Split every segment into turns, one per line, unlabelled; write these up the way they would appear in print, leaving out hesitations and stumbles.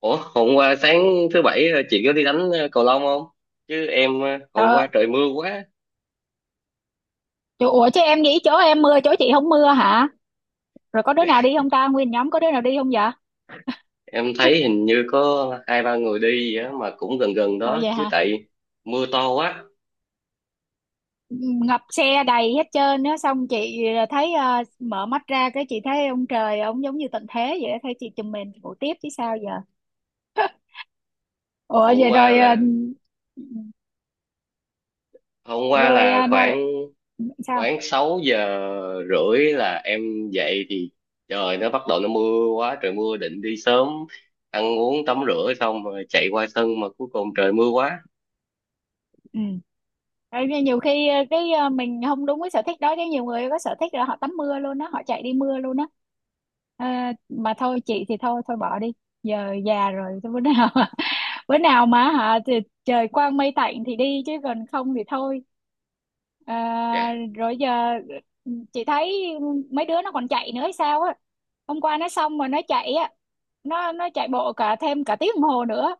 Ủa, hôm qua sáng thứ bảy, chị có đi đánh cầu lông không? Chứ em, hôm
Trời,
qua trời mưa quá.
ủa chứ em nghĩ chỗ em mưa chỗ chị không mưa hả? Rồi có đứa
Dạ,
nào đi không ta? Nguyên nhóm có đứa nào đi không vậy?
em thấy hình như có hai ba người đi vậy á, mà cũng gần gần
Ồ
đó
vậy
chứ
hả?
tại mưa to quá.
Ngập xe đầy hết trơn á, xong chị thấy mở mắt ra cái chị thấy ông trời ông giống như tận thế vậy á, thấy chị chùm mình ngủ tiếp chứ sao giờ. Ủa
Hôm
vậy
qua là hôm qua
rồi
là
ờ, nó,
khoảng
sao?
khoảng 6:30 là em dậy thì trời nó bắt đầu nó mưa quá, trời mưa định đi sớm ăn uống tắm rửa xong rồi chạy qua sân mà cuối cùng trời mưa quá.
Ừ. Đấy, nhưng nhiều khi mình không đúng với sở thích đó, chứ nhiều người có sở thích là họ tắm mưa luôn á, họ chạy đi mưa luôn á. Ờ, mà thôi, chị thì thôi thôi bỏ đi, giờ già rồi. Thôi bữa nào bữa nào mà hả thì trời quang mây tạnh thì đi, chứ còn không thì thôi. Ờ,
Dạ.
rồi giờ ừ, chị thấy mấy đứa nó còn chạy nữa hay sao á. Hôm qua nó xong mà nó chạy á, nó chạy bộ cả thêm cả tiếng đồng hồ nữa.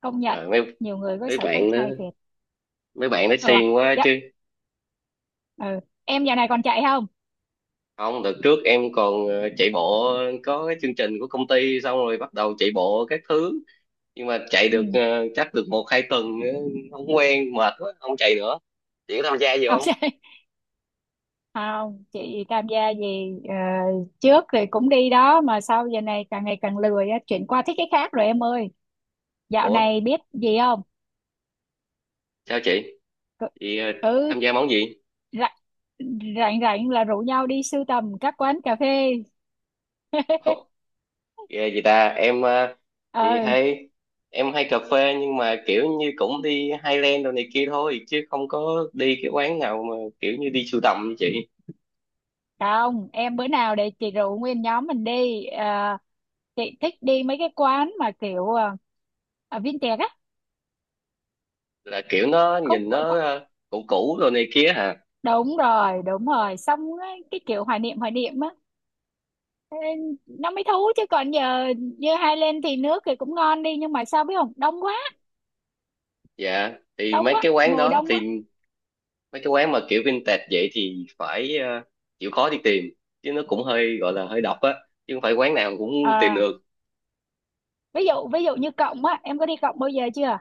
Công nhận
Trời, mấy
nhiều người có
mấy
sở thích
bạn đó,
hay thiệt.
mấy bạn nó
Ừ,
xiên quá.
ừ. Em giờ này còn chạy không?
Không, đợt trước em còn chạy bộ, có cái chương trình của công ty xong rồi bắt đầu chạy bộ các thứ, nhưng mà chạy
Ừ.
được chắc được một hai tuần, không quen mệt quá không chạy nữa. Chị có tham gia gì
Không
không?
chạy. Không, chị tham gia gì trước thì cũng đi đó, mà sau giờ này càng ngày càng lười á, chuyển qua thích cái khác rồi em ơi. Dạo
Ủa
này biết gì không?
sao chị
cứ
chị
ừ,
tham gia món gì?
rảnh rảnh rảnh là rủ nhau đi sưu tầm các quán cà phê.
Ồ, ghê gì ta, em thì
Ờ
hay, em hay cà phê nhưng mà kiểu như cũng đi Highland đồ này kia thôi chứ không có đi cái quán nào mà kiểu như đi sưu tầm như chị.
không, em bữa nào để chị rủ nguyên nhóm mình đi. Ờ, chị thích đi mấy cái quán mà kiểu vintage á.
Là kiểu nó
khúc
nhìn nó cũ cũ đồ này kia hả?
đúng rồi, đúng rồi, xong á, cái kiểu hoài niệm á. Ê, nó mới thú chứ còn giờ như hai lên thì nước thì cũng ngon đi, nhưng mà sao biết không, đông quá.
Dạ thì mấy cái quán
Ngồi
đó
đông quá.
thì mấy cái quán mà kiểu vintage vậy thì phải, chịu khó đi tìm, chứ nó cũng hơi gọi là hơi độc á, chứ không phải quán nào cũng tìm
Ờ,
được.
ví dụ như Cộng á, em có đi Cộng bao giờ chưa?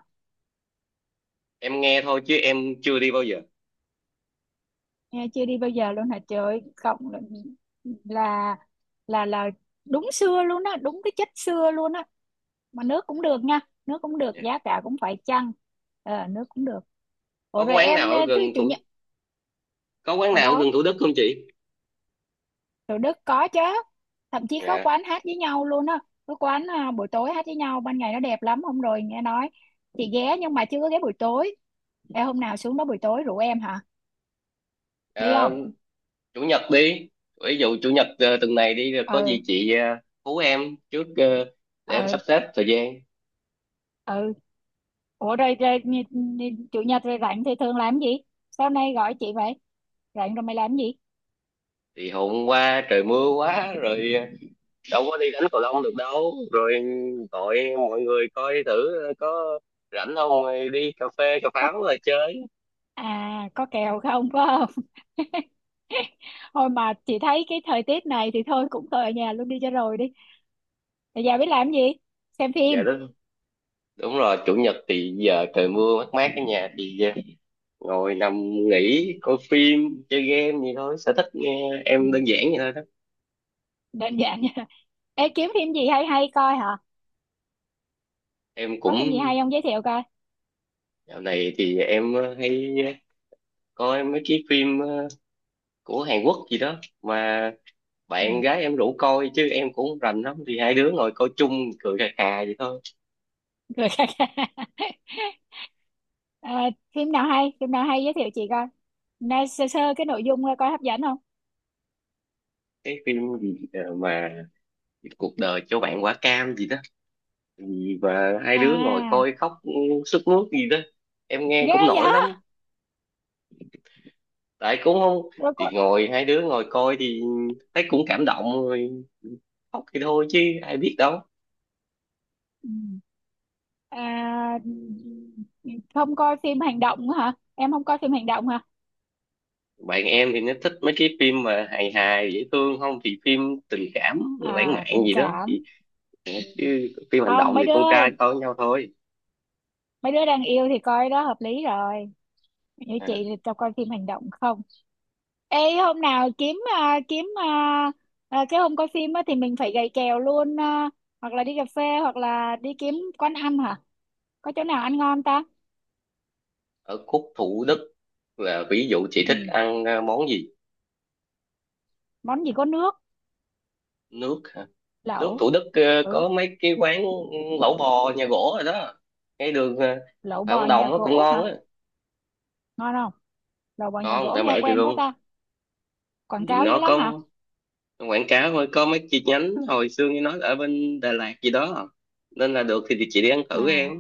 Em nghe thôi chứ em chưa đi bao giờ.
Nghe chưa đi bao giờ luôn hả, trời ơi, Cộng là là là đúng xưa luôn á, đúng cái chất xưa luôn á. Mà nước cũng được nha, nước cũng được,
Dạ,
giá cả cũng phải chăng. Ờ nước cũng được.
có
Ủa
cái
rồi
quán
em
nào ở
thứ
gần
chủ
thủ,
nhật
có quán
ở
nào ở
đâu?
gần Thủ Đức không chị?
Thủ Đức có chứ, thậm chí có
Dạ.
quán hát với nhau luôn á. Có quán à, buổi tối hát với nhau, ban ngày nó đẹp lắm. Hôm rồi nghe nói, chị ghé nhưng mà chưa có ghé buổi tối. Ê, hôm nào xuống đó buổi tối rủ em hả, đi
Ờ,
không?
chủ nhật đi, ví dụ chủ nhật tuần này đi rồi có
ừ
gì chị, hú em trước, để em sắp
ừ
xếp thời gian.
ừ. ủa rồi, rồi nhi- nhi- chủ nhật rồi rảnh thì thường làm gì, sao nay gọi chị vậy, rảnh rồi mày làm gì?
Thì hôm qua trời mưa quá rồi, đâu có đi đánh cầu lông được đâu, rồi gọi mọi người coi thử có rảnh không, đi cà phê cà
Có,
pháo rồi chơi.
à có kèo không có không. Thôi mà chị thấy cái thời tiết này thì thôi, cũng thôi ở nhà luôn đi cho rồi đi. Ở nhà biết làm gì? Xem
Dạ
phim.
đúng, đúng rồi, chủ nhật thì giờ trời mưa mát mát ở nhà thì, ngồi nằm
Ừ.
nghỉ coi phim chơi game gì thôi, sở thích nghe em
Ừ.
đơn giản vậy thôi đó.
Đơn giản nha. Ê, kiếm phim gì hay hay coi hả,
Em
có phim gì
cũng,
hay không giới thiệu coi?
dạo này thì em hay coi mấy cái phim của Hàn Quốc gì đó, mà
Ừ.
bạn gái em rủ coi chứ em cũng không rành lắm, thì hai đứa ngồi coi chung cười khà khà vậy thôi.
Cười khà khà. Ờ, phim nào hay giới thiệu chị coi, nói sơ sơ cái nội dung coi coi hấp dẫn không.
Cái phim gì mà cuộc đời cho bạn quả cam gì đó, gì và hai đứa ngồi
À,
coi khóc sướt mướt gì đó, em nghe
ghê
cũng nổi
vậy.
lắm. Tại cũng không,
Rồi
thì
có
ngồi hai đứa ngồi coi thì thấy cũng cảm động rồi, khóc thì thôi chứ ai biết đâu.
ừ. À, không coi phim hành động nữa hả, em không coi phim hành động hả?
Bạn em thì nó thích mấy cái phim mà hài hài dễ thương, không thì phim tình cảm lãng
À
mạn
tình
gì đó
cảm.
thì, ờ,
Ừ.
chứ phim hành
Không,
động
mấy
thì
đứa,
con trai coi với nhau thôi.
mấy đứa đang yêu thì coi đó hợp lý rồi, như chị
À,
thì tao coi phim hành động không. Ê hôm nào kiếm cái hôm coi phim á, thì mình phải gầy kèo luôn à, hoặc là đi cà phê, hoặc là đi kiếm quán ăn hả? Có chỗ nào ăn ngon ta?
ở khúc Thủ Đức, là ví dụ chị thích
Ừ.
ăn món gì?
Món gì có nước?
Nước, nước
Lẩu.
Thủ Đức
Ừ,
có mấy cái quán lẩu bò nhà gỗ rồi đó, ngay đường
lẩu
Phạm
bò
Văn
nhà
Đồng, nó cũng
gỗ
ngon
hả?
á.
Ngon không? Lẩu bò nhà
Ngon
gỗ
tại
nghe
mẹ chị
quen quá
luôn.
ta. Quảng
Thì
cáo dữ
nó
lắm hả?
có quảng cáo thôi, có mấy chi nhánh hồi xưa như nói ở bên Đà Lạt gì đó, nên là được thì chị đi ăn thử
À,
em.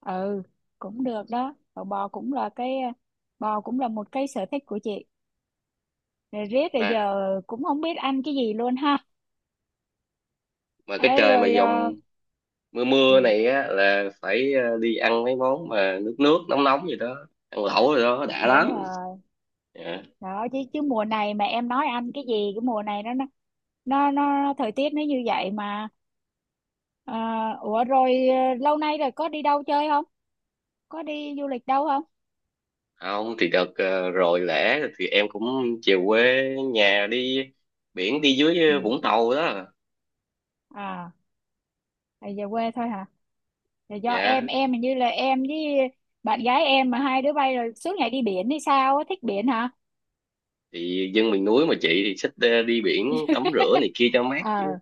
ừ, cũng được đó. Lẩu bò cũng là bò cũng là một cái sở thích của chị. Rồi riết rồi
mà
giờ cũng không biết ăn cái gì luôn ha.
mà cái
Ê,
trời mà
rồi
dòng mưa
ừ,
mưa này á là phải, đi ăn mấy món mà nước nước nóng nóng gì đó, ăn lẩu rồi đó đã
đúng
lắm.
rồi.
Dạ.
Đó chứ, chứ mùa này mà em nói anh cái gì, cái mùa này nó thời tiết nó như vậy mà. Ờ, ủa rồi ờ, lâu nay rồi có đi đâu chơi không? Có đi du lịch đâu không?
Không thì đợt rồi lễ thì em cũng về quê nhà, đi biển đi dưới
Ừ.
Vũng Tàu đó.
À, thì về quê thôi hả? Thì do
Dạ,
em hình như là em với bạn gái em mà hai đứa bay rồi suốt ngày đi biển hay sao á, thích biển hả?
thì dân miền núi mà chị, thì thích đi biển tắm rửa này kia cho mát chứ.
ờ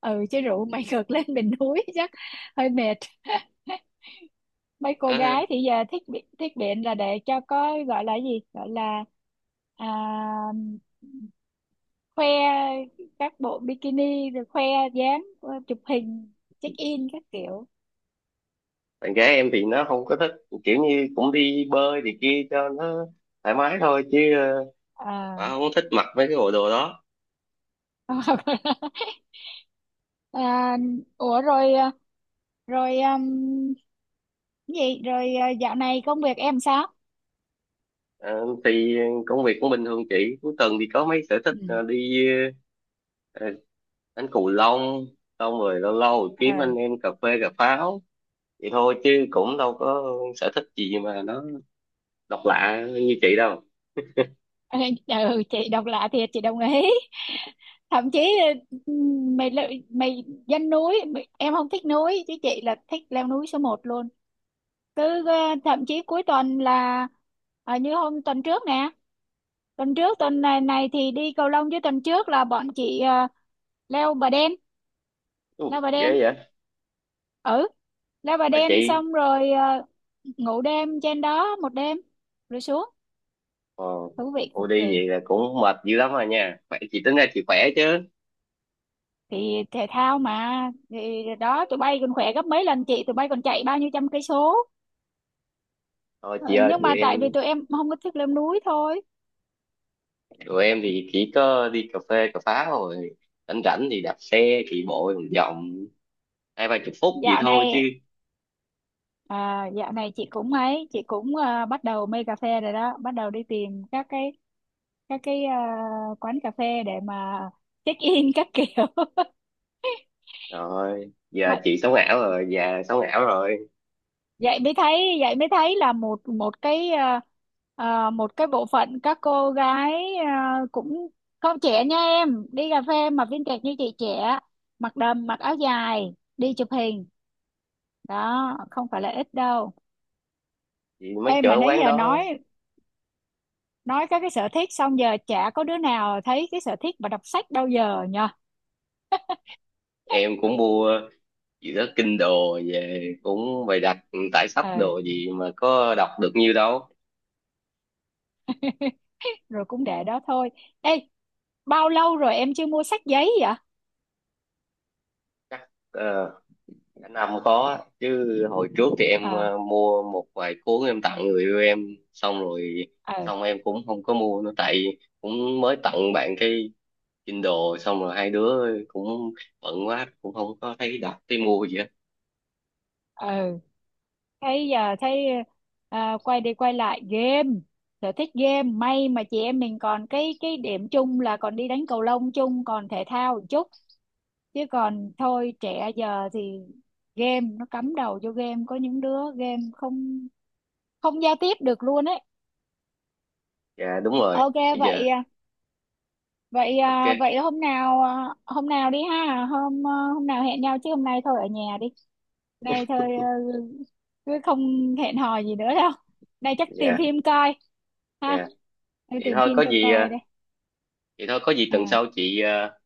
ừ chứ rượu mày ngược lên bình núi chắc hơi mệt. Mấy cô gái
À,
thì giờ thích bị- thích biện là để cho có gọi là gì, gọi là à, khoe các bộ bikini, rồi khoe dáng, chụp hình, check in các kiểu.
bạn gái em thì nó không có thích, kiểu như cũng đi bơi thì kia cho nó thoải mái thôi chứ, bà
À
không thích mặc mấy cái bộ đồ đó.
à, ủa rồi ờ, rồi gì rồi à, dạo này công việc em sao?
Ờ, thì công việc cũng bình thường chị, cuối tuần thì có mấy sở thích đi ờ, đánh cầu lông, xong rồi lâu lâu kiếm anh
Ừ.
em cà phê cà pháo vậy thôi, chứ cũng đâu có sở thích gì mà nó độc lạ như chị đâu.
Ừ, ừ, chị độc lạ thiệt, chị đồng ý. Thậm chí ừ, mày lự- mày dân núi mày- em không thích núi chứ chị là thích leo núi số một luôn. Cứ thậm chí cuối tuần là như hôm tuần trước nè, tuần này, này thì đi cầu lông, chứ tuần trước là bọn chị leo Bà Đen.
Ừ,
leo Bà
ghê
Đen
vậy.
ừ, leo Bà
Bà
Đen
chị,
xong rồi ngủ đêm trên đó một đêm rồi xuống.
ờ,
Thú vị
cô
cực
đi
kỳ.
vậy là cũng mệt dữ lắm rồi nha, khỏe, chị tính ra chị khỏe chứ.
Thì thể thao mà, thì đó, tụi bay còn khỏe gấp mấy lần chị, tụi bay còn chạy bao nhiêu trăm cây số.
Thôi
Ờ,
chị ơi,
nhưng mà
tụi
tại vì
em,
tụi em không có thích leo núi thôi.
tụi em thì chỉ có đi cà phê cà phá rồi rảnh rảnh thì đạp xe chạy bộ vòng vòng hai ba chục phút gì
dạo
thôi chứ.
này dạo này chị cũng ấy, chị cũng à, bắt đầu mê cà phê rồi đó, bắt đầu đi tìm các cái, các cái à, quán cà phê để mà check in các kiểu.
Rồi giờ
Mọi
chị sống ảo rồi, già sống ảo rồi.
vậy mới thấy, vậy mới thấy là một một cái một cái bộ phận các cô gái cũng không trẻ nha em, đi cà phê mà viên kẹt như chị trẻ, mặc đầm mặc áo dài đi chụp hình, đó không phải là ít đâu.
Chị mới
Em
chở
mà nãy
quán
giờ
đó,
nói các cái sở thích xong giờ chả có đứa nào thấy cái sở thích mà đọc sách đâu, giờ nhờ.
em cũng mua gì đó kinh đồ về cũng bày đặt tải sách
Ừ
đồ gì mà có đọc được nhiêu đâu.
rồi cũng để đó thôi. Ê, bao lâu rồi em chưa mua sách giấy vậy?
Chắc cả năm có chứ, hồi trước thì em
Ờ
mua một vài cuốn em tặng người yêu em, xong rồi
ờ
xong em cũng không có mua nữa, tại cũng mới tặng bạn cái Kindle, xong rồi hai đứa cũng bận quá cũng không có thấy đọc thấy mua gì hết.
ừ. Thấy giờ thấy à, quay đi quay lại game, sở thích game. May mà chị em mình còn cái điểm chung là còn đi đánh cầu lông chung, còn thể thao một chút, chứ còn thôi trẻ giờ thì game. Nó cắm đầu vô game, có những đứa game không không giao tiếp được luôn ấy.
Dạ đúng rồi.
Ok.
Bây giờ
vậy à,
ok.
vậy hôm nào hôm nào đi ha, hôm nào hẹn nhau, chứ hôm nay thôi ở nhà đi. Nay thôi cứ không hẹn hò gì nữa đâu, nay chắc tìm
Dạ.
phim coi ha.
Dạ
Tôi
vậy
tìm
thôi có
phim tôi
gì,
coi đây.
vậy thôi có gì tuần
À
sau chị,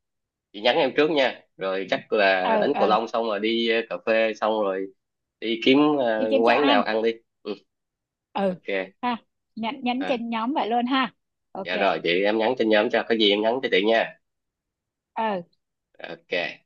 chị nhắn em trước nha, rồi chắc là
ừ,
đánh cầu
ừ,
lông xong rồi đi cà phê, xong rồi đi kiếm
đi kiếm chỗ
quán nào
ăn.
ăn đi. Ừ,
Ừ
ok.
ha, nhắn nhắn
À,
trên nhóm vậy luôn ha. Ok
dạ rồi chị, em nhắn trên nhóm, cho có gì em nhắn cho chị nha.
ừ.
Ok.